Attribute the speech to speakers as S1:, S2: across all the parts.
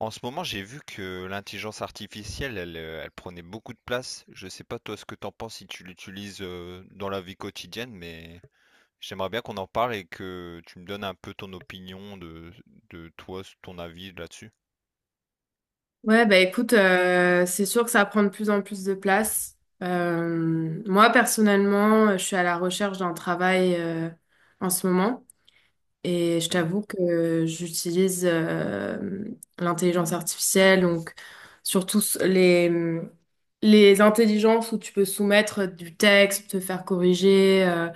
S1: En ce moment, j'ai vu que l'intelligence artificielle, elle, elle prenait beaucoup de place. Je sais pas toi ce que t'en penses si tu l'utilises dans la vie quotidienne, mais j'aimerais bien qu'on en parle et que tu me donnes un peu ton opinion de toi, ton avis là-dessus.
S2: Ouais, bah écoute, c'est sûr que ça prend de plus en plus de place. Moi, personnellement, je suis à la recherche d'un travail en ce moment et je
S1: Hmm.
S2: t'avoue que j'utilise l'intelligence artificielle, donc surtout les intelligences où tu peux soumettre du texte, te faire corriger,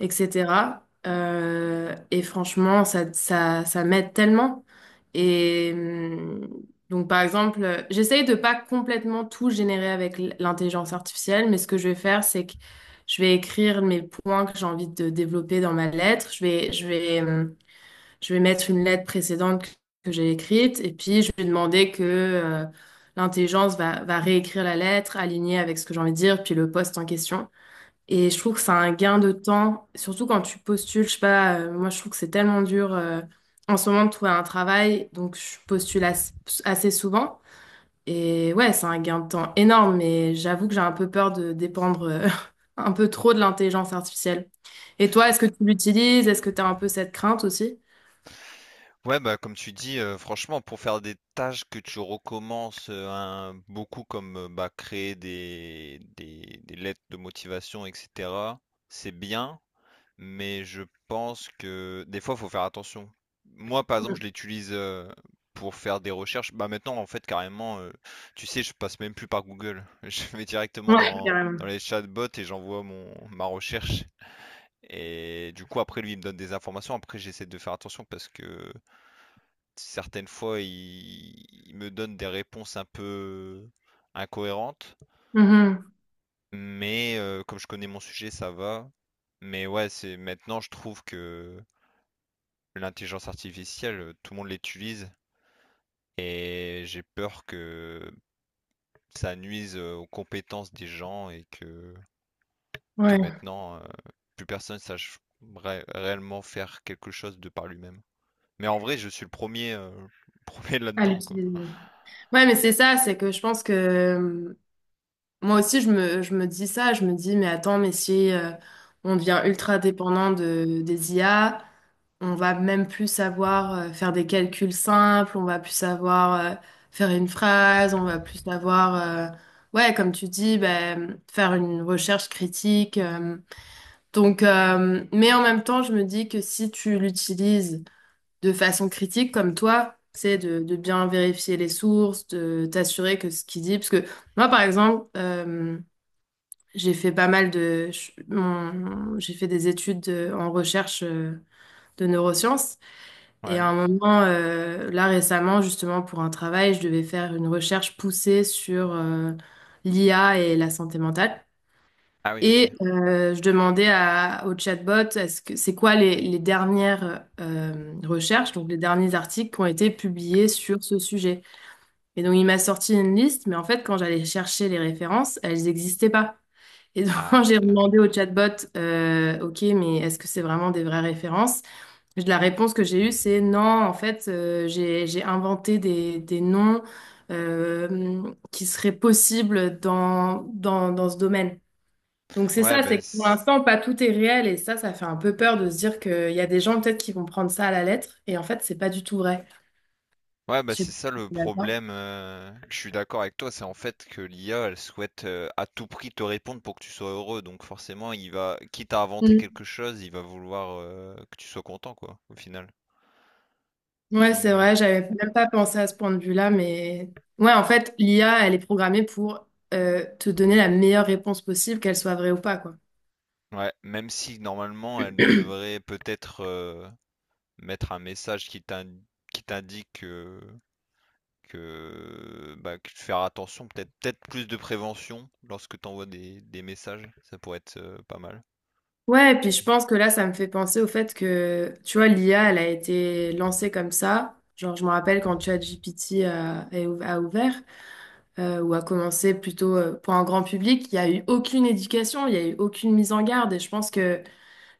S2: etc. Et franchement, ça m'aide tellement. Et donc, par exemple, j'essaye de pas complètement tout générer avec l'intelligence artificielle, mais ce que je vais faire, c'est que je vais écrire mes points que j'ai envie de développer dans ma lettre. Je vais mettre une lettre précédente que j'ai écrite, et puis je vais demander que l'intelligence va réécrire la lettre, alignée avec ce que j'ai envie de dire, puis le poste en question. Et je trouve que c'est un gain de temps, surtout quand tu postules. Je sais pas, moi je trouve que c'est tellement dur en ce moment de trouver un travail, donc je postule assez souvent. Et ouais, c'est un gain de temps énorme, mais j'avoue que j'ai un peu peur de dépendre un peu trop de l'intelligence artificielle. Et toi, est-ce que tu l'utilises? Est-ce que tu as un peu cette crainte aussi?
S1: Ouais, bah comme tu dis, franchement, pour faire des tâches que tu recommences beaucoup comme bah, créer des lettres de motivation, etc., c'est bien, mais je pense que des fois, il faut faire attention. Moi, par exemple, je
S2: Mm.
S1: l'utilise pour faire des recherches. Bah maintenant, en fait, carrément, tu sais, je passe même plus par Google. Je vais directement
S2: Ouais,
S1: dans,
S2: carrément.
S1: dans les chatbots et j'envoie mon ma recherche. Et du coup, après, lui, il me donne des informations. Après, j'essaie de faire attention parce que certaines fois, il me donne des réponses un peu incohérentes.
S2: Mhm.
S1: Mais comme je connais mon sujet, ça va. Mais ouais, c'est maintenant, je trouve que l'intelligence artificielle, tout le monde l'utilise et j'ai peur que ça nuise aux compétences des gens et que
S2: Ouais,
S1: maintenant, plus personne sache réellement faire quelque chose de par lui-même. Mais en vrai, je suis le premier, le premier
S2: à
S1: là-dedans, quoi.
S2: l'utiliser. Ouais, mais c'est ça, c'est que je pense que moi aussi, je me dis ça, je me dis, mais attends, mais si on devient ultra dépendant des IA, on va même plus savoir faire des calculs simples, on va plus savoir faire une phrase, on va plus savoir, euh, ouais, comme tu dis, ben, faire une recherche critique. Donc, mais en même temps, je me dis que si tu l'utilises de façon critique, comme toi, c'est de bien vérifier les sources, de t'assurer que ce qu'il dit, parce que moi, par exemple, j'ai fait pas mal j'ai fait des études en recherche de neurosciences. Et à
S1: Ouais.
S2: un moment, là récemment, justement, pour un travail, je devais faire une recherche poussée sur l'IA et la santé mentale.
S1: Ah oui, ok.
S2: Et je demandais au chatbot, est-ce que c'est quoi les dernières recherches, donc les derniers articles qui ont été publiés sur ce sujet? Et donc, il m'a sorti une liste, mais en fait, quand j'allais chercher les références, elles n'existaient pas. Et donc,
S1: Ah,
S2: quand j'ai
S1: ok.
S2: demandé au chatbot, OK, mais est-ce que c'est vraiment des vraies références? La réponse que j'ai eue, c'est non, en fait, j'ai inventé des noms qui seraient possibles dans ce domaine. Donc, c'est
S1: Ouais,
S2: ça,
S1: ben,
S2: c'est que pour l'instant, pas tout est réel. Et ça fait un peu peur de se dire qu'il y a des gens peut-être qui vont prendre ça à la lettre. Et en fait, c'est pas du tout vrai.
S1: ouais, bah,
S2: Je sais
S1: c'est
S2: pas
S1: ça
S2: si
S1: le
S2: t'es d'accord.
S1: problème, je suis d'accord avec toi, c'est en fait que l'IA, elle souhaite, à tout prix te répondre pour que tu sois heureux, donc forcément, il va, quitte à inventer quelque chose, il va vouloir, que tu sois content, quoi, au final.
S2: Ouais, c'est
S1: Mais
S2: vrai, j'avais même pas pensé à ce point de vue-là, mais ouais, en fait, l'IA, elle est programmée pour te donner la meilleure réponse possible, qu'elle soit vraie ou pas, quoi.
S1: ouais, même si normalement, elle devrait peut-être, mettre un message qui t'indique, que, bah, que faire attention, peut-être plus de prévention lorsque tu envoies des messages, ça pourrait être, pas mal,
S2: Ouais, et puis je
S1: je
S2: pense que là, ça me fait penser au fait que, tu vois, l'IA, elle a été lancée comme ça. Genre, je me rappelle quand ChatGPT a ouvert, ou a commencé plutôt pour un grand public, il n'y a eu aucune éducation, il n'y a eu aucune mise en garde. Et je pense que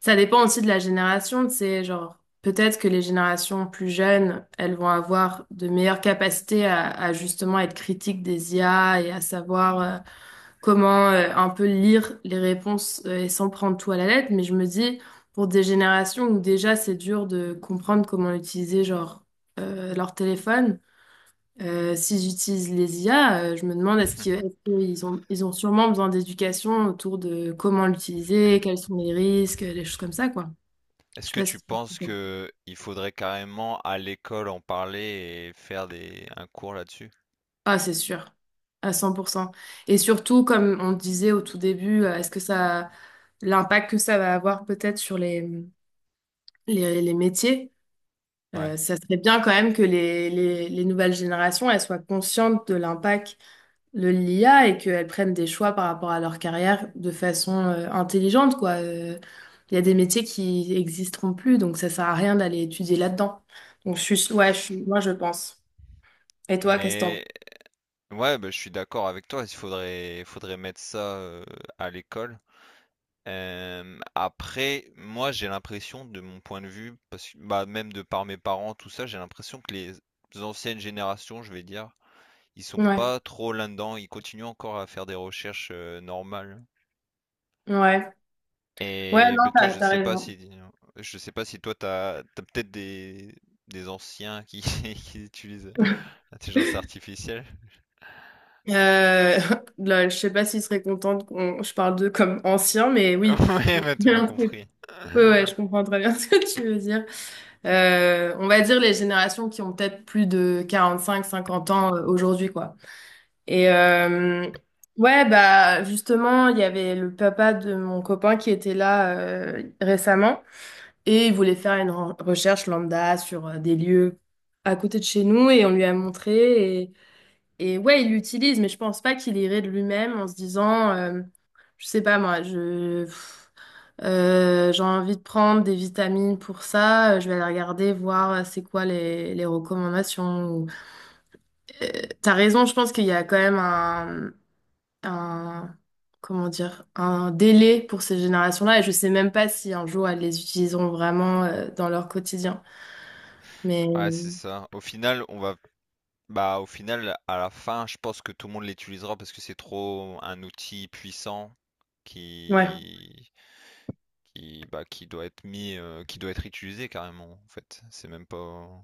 S2: ça dépend aussi de la génération, c'est genre peut-être que les générations plus jeunes, elles vont avoir de meilleures capacités à justement être critiques des IA et à savoir comment un peu lire les réponses et sans prendre tout à la lettre. Mais je me dis, pour des générations où déjà c'est dur de comprendre comment utiliser genre leur téléphone, s'ils utilisent les IA, je me demande
S1: trouve.
S2: ils ont sûrement besoin d'éducation autour de comment l'utiliser, quels sont les risques, des choses comme ça, quoi. Je
S1: Est-ce
S2: sais
S1: que
S2: pas
S1: tu
S2: si...
S1: penses que il faudrait carrément à l'école en parler et faire des un cours là-dessus?
S2: Ah, c'est sûr, à 100%. Et surtout, comme on disait au tout début, est-ce que ça, l'impact que ça va avoir peut-être sur les métiers,
S1: Ouais.
S2: ça serait bien quand même que les nouvelles générations, elles soient conscientes de l'impact de l'IA et qu'elles prennent des choix par rapport à leur carrière de façon intelligente, quoi. Il y a des métiers qui existeront plus, donc ça sert à rien d'aller étudier là-dedans. Donc, je suis, ouais, je suis, moi, je pense. Et toi, qu'est-ce que t'en penses?
S1: Mais ouais, bah, je suis d'accord avec toi, il faudrait, mettre ça à l'école. Après, moi j'ai l'impression de mon point de vue, parce que bah, même de par mes parents, tout ça, j'ai l'impression que les anciennes générations, je vais dire, ils sont
S2: Ouais,
S1: pas trop là-dedans, ils continuent encore à faire des recherches normales.
S2: ouais. Ouais,
S1: Et
S2: non,
S1: ben, toi,
S2: t'as raison.
S1: je sais pas si toi t'as peut-être des anciens qui, qui utilisent l'intelligence artificielle.
S2: Euh, là, je sais pas s'il serait content qu'on je parle d'eux comme anciens, mais oui,
S1: Ouais, bah, tu m'as
S2: ouais,
S1: compris.
S2: ouais, je comprends très bien ce que tu veux dire. On va dire les générations qui ont peut-être plus de 45 50 ans aujourd'hui, quoi. Et ouais, bah justement, il y avait le papa de mon copain qui était là récemment et il voulait faire une recherche lambda sur des lieux à côté de chez nous et on lui a montré. Et ouais, il l'utilise, mais je pense pas qu'il irait de lui-même en se disant, je sais pas moi, j'ai envie de prendre des vitamines pour ça, je vais aller regarder, voir c'est quoi les recommandations. Euh, T'as raison, je pense qu'il y a quand même un, comment dire, un délai pour ces générations-là, et je sais même pas si un jour elles les utiliseront vraiment, dans leur quotidien.
S1: Ouais, c'est
S2: Mais
S1: ça. Au final, on va bah au final à la fin, je pense que tout le monde l'utilisera parce que c'est trop un outil puissant
S2: ouais.
S1: qui, qui doit être mis, qui doit être utilisé carrément en fait. C'est même pas...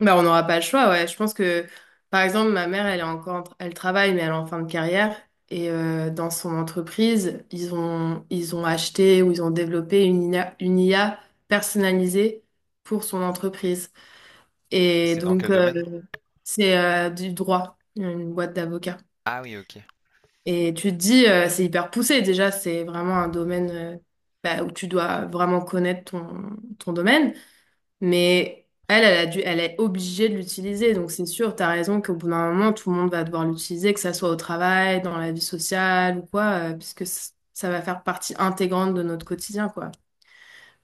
S2: Bah, on n'aura pas le choix, ouais. Je pense que, par exemple, ma mère, elle est encore, elle travaille, mais elle est en fin de carrière. Et dans son entreprise, ils ont acheté ou ils ont développé une IA, une IA personnalisée pour son entreprise. Et
S1: C'est dans
S2: donc,
S1: quel domaine?
S2: c'est du droit, une boîte d'avocats.
S1: Ah oui, ok.
S2: Et tu te dis, c'est hyper poussé. Déjà, c'est vraiment un domaine bah, où tu dois vraiment connaître ton domaine. Mais elle, elle a dû, elle est obligée de l'utiliser. Donc c'est sûr, t'as raison qu'au bout d'un moment, tout le monde va devoir l'utiliser, que ça soit au travail, dans la vie sociale ou quoi, puisque ça va faire partie intégrante de notre quotidien, quoi.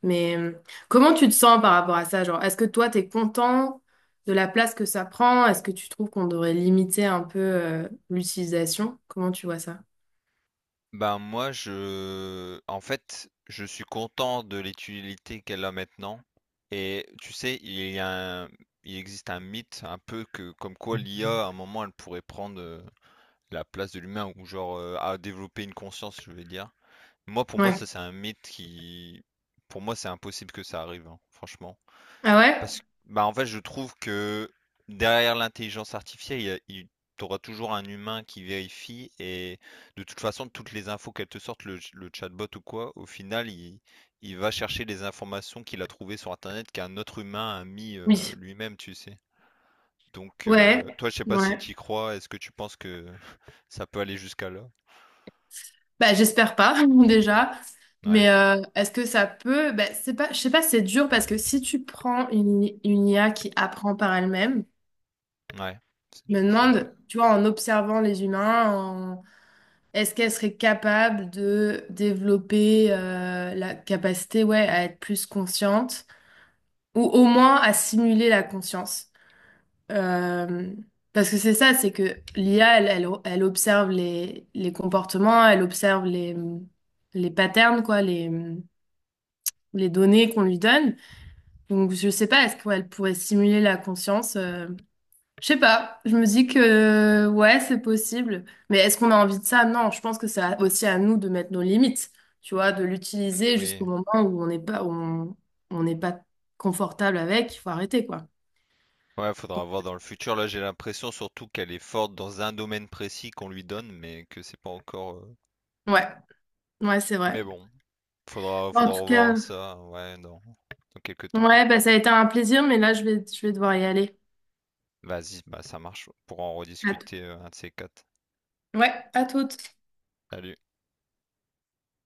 S2: Mais comment tu te sens par rapport à ça? Genre, est-ce que toi, t'es content de la place que ça prend? Est-ce que tu trouves qu'on devrait limiter un peu l'utilisation? Comment tu vois ça?
S1: Ben moi je, en fait, je suis content de l'utilité qu'elle a maintenant et tu sais, il existe un mythe un peu, que comme quoi l'IA à un moment elle pourrait prendre la place de l'humain ou genre à développer une conscience, je veux dire. Moi pour moi
S2: Ouais.
S1: ça c'est un mythe qui... Pour moi c'est impossible que ça arrive, hein, franchement.
S2: Ah ouais?
S1: Parce que, bah, en fait, je trouve que derrière l'intelligence artificielle, il y a- il- t'auras toujours un humain qui vérifie et de toute façon, toutes les infos qu'elle te sorte, le chatbot ou quoi, au final, il va chercher les informations qu'il a trouvées sur Internet qu'un autre humain a mis
S2: Oui.
S1: lui-même, tu sais. Donc,
S2: Ouais.
S1: toi, je sais pas si
S2: Ouais.
S1: tu y crois, est-ce que tu penses que ça peut aller jusqu'à là?
S2: Bah, j'espère pas déjà.
S1: Ouais,
S2: Mais est-ce que ça peut? Bah, c'est pas, je sais pas, si c'est dur parce que si tu prends une IA qui apprend par elle-même,
S1: ouais,
S2: je me
S1: c'est vrai.
S2: demande, tu vois, en observant les humains, est-ce qu'elle serait capable de développer la capacité, ouais, à être plus consciente ou au moins à simuler la conscience? Euh, Parce que c'est ça, c'est que l'IA, elle observe les comportements, elle observe les patterns, quoi, les données qu'on lui donne. Donc, je sais pas, est-ce qu'elle pourrait simuler la conscience? Je sais pas. Je me dis que, ouais, c'est possible. Mais est-ce qu'on a envie de ça? Non, je pense que c'est aussi à nous de mettre nos limites, tu vois, de l'utiliser
S1: Oui.
S2: jusqu'au moment où on n'est pas, où on n'est pas confortable avec. Il faut arrêter, quoi.
S1: Ouais, faudra voir dans le futur. Là, j'ai l'impression surtout qu'elle est forte dans un domaine précis qu'on lui donne, mais que c'est pas encore. Euh,
S2: Ouais, ouais, c'est vrai.
S1: mais bon,
S2: En
S1: faudra
S2: tout cas,
S1: revoir ça, ouais, dans, dans quelques temps.
S2: ouais, bah, ça a été un plaisir, mais là, je vais devoir y aller.
S1: Vas-y, bah ça marche. Pour en
S2: À t-
S1: rediscuter un de ces quatre.
S2: Ouais, à toutes.
S1: Salut.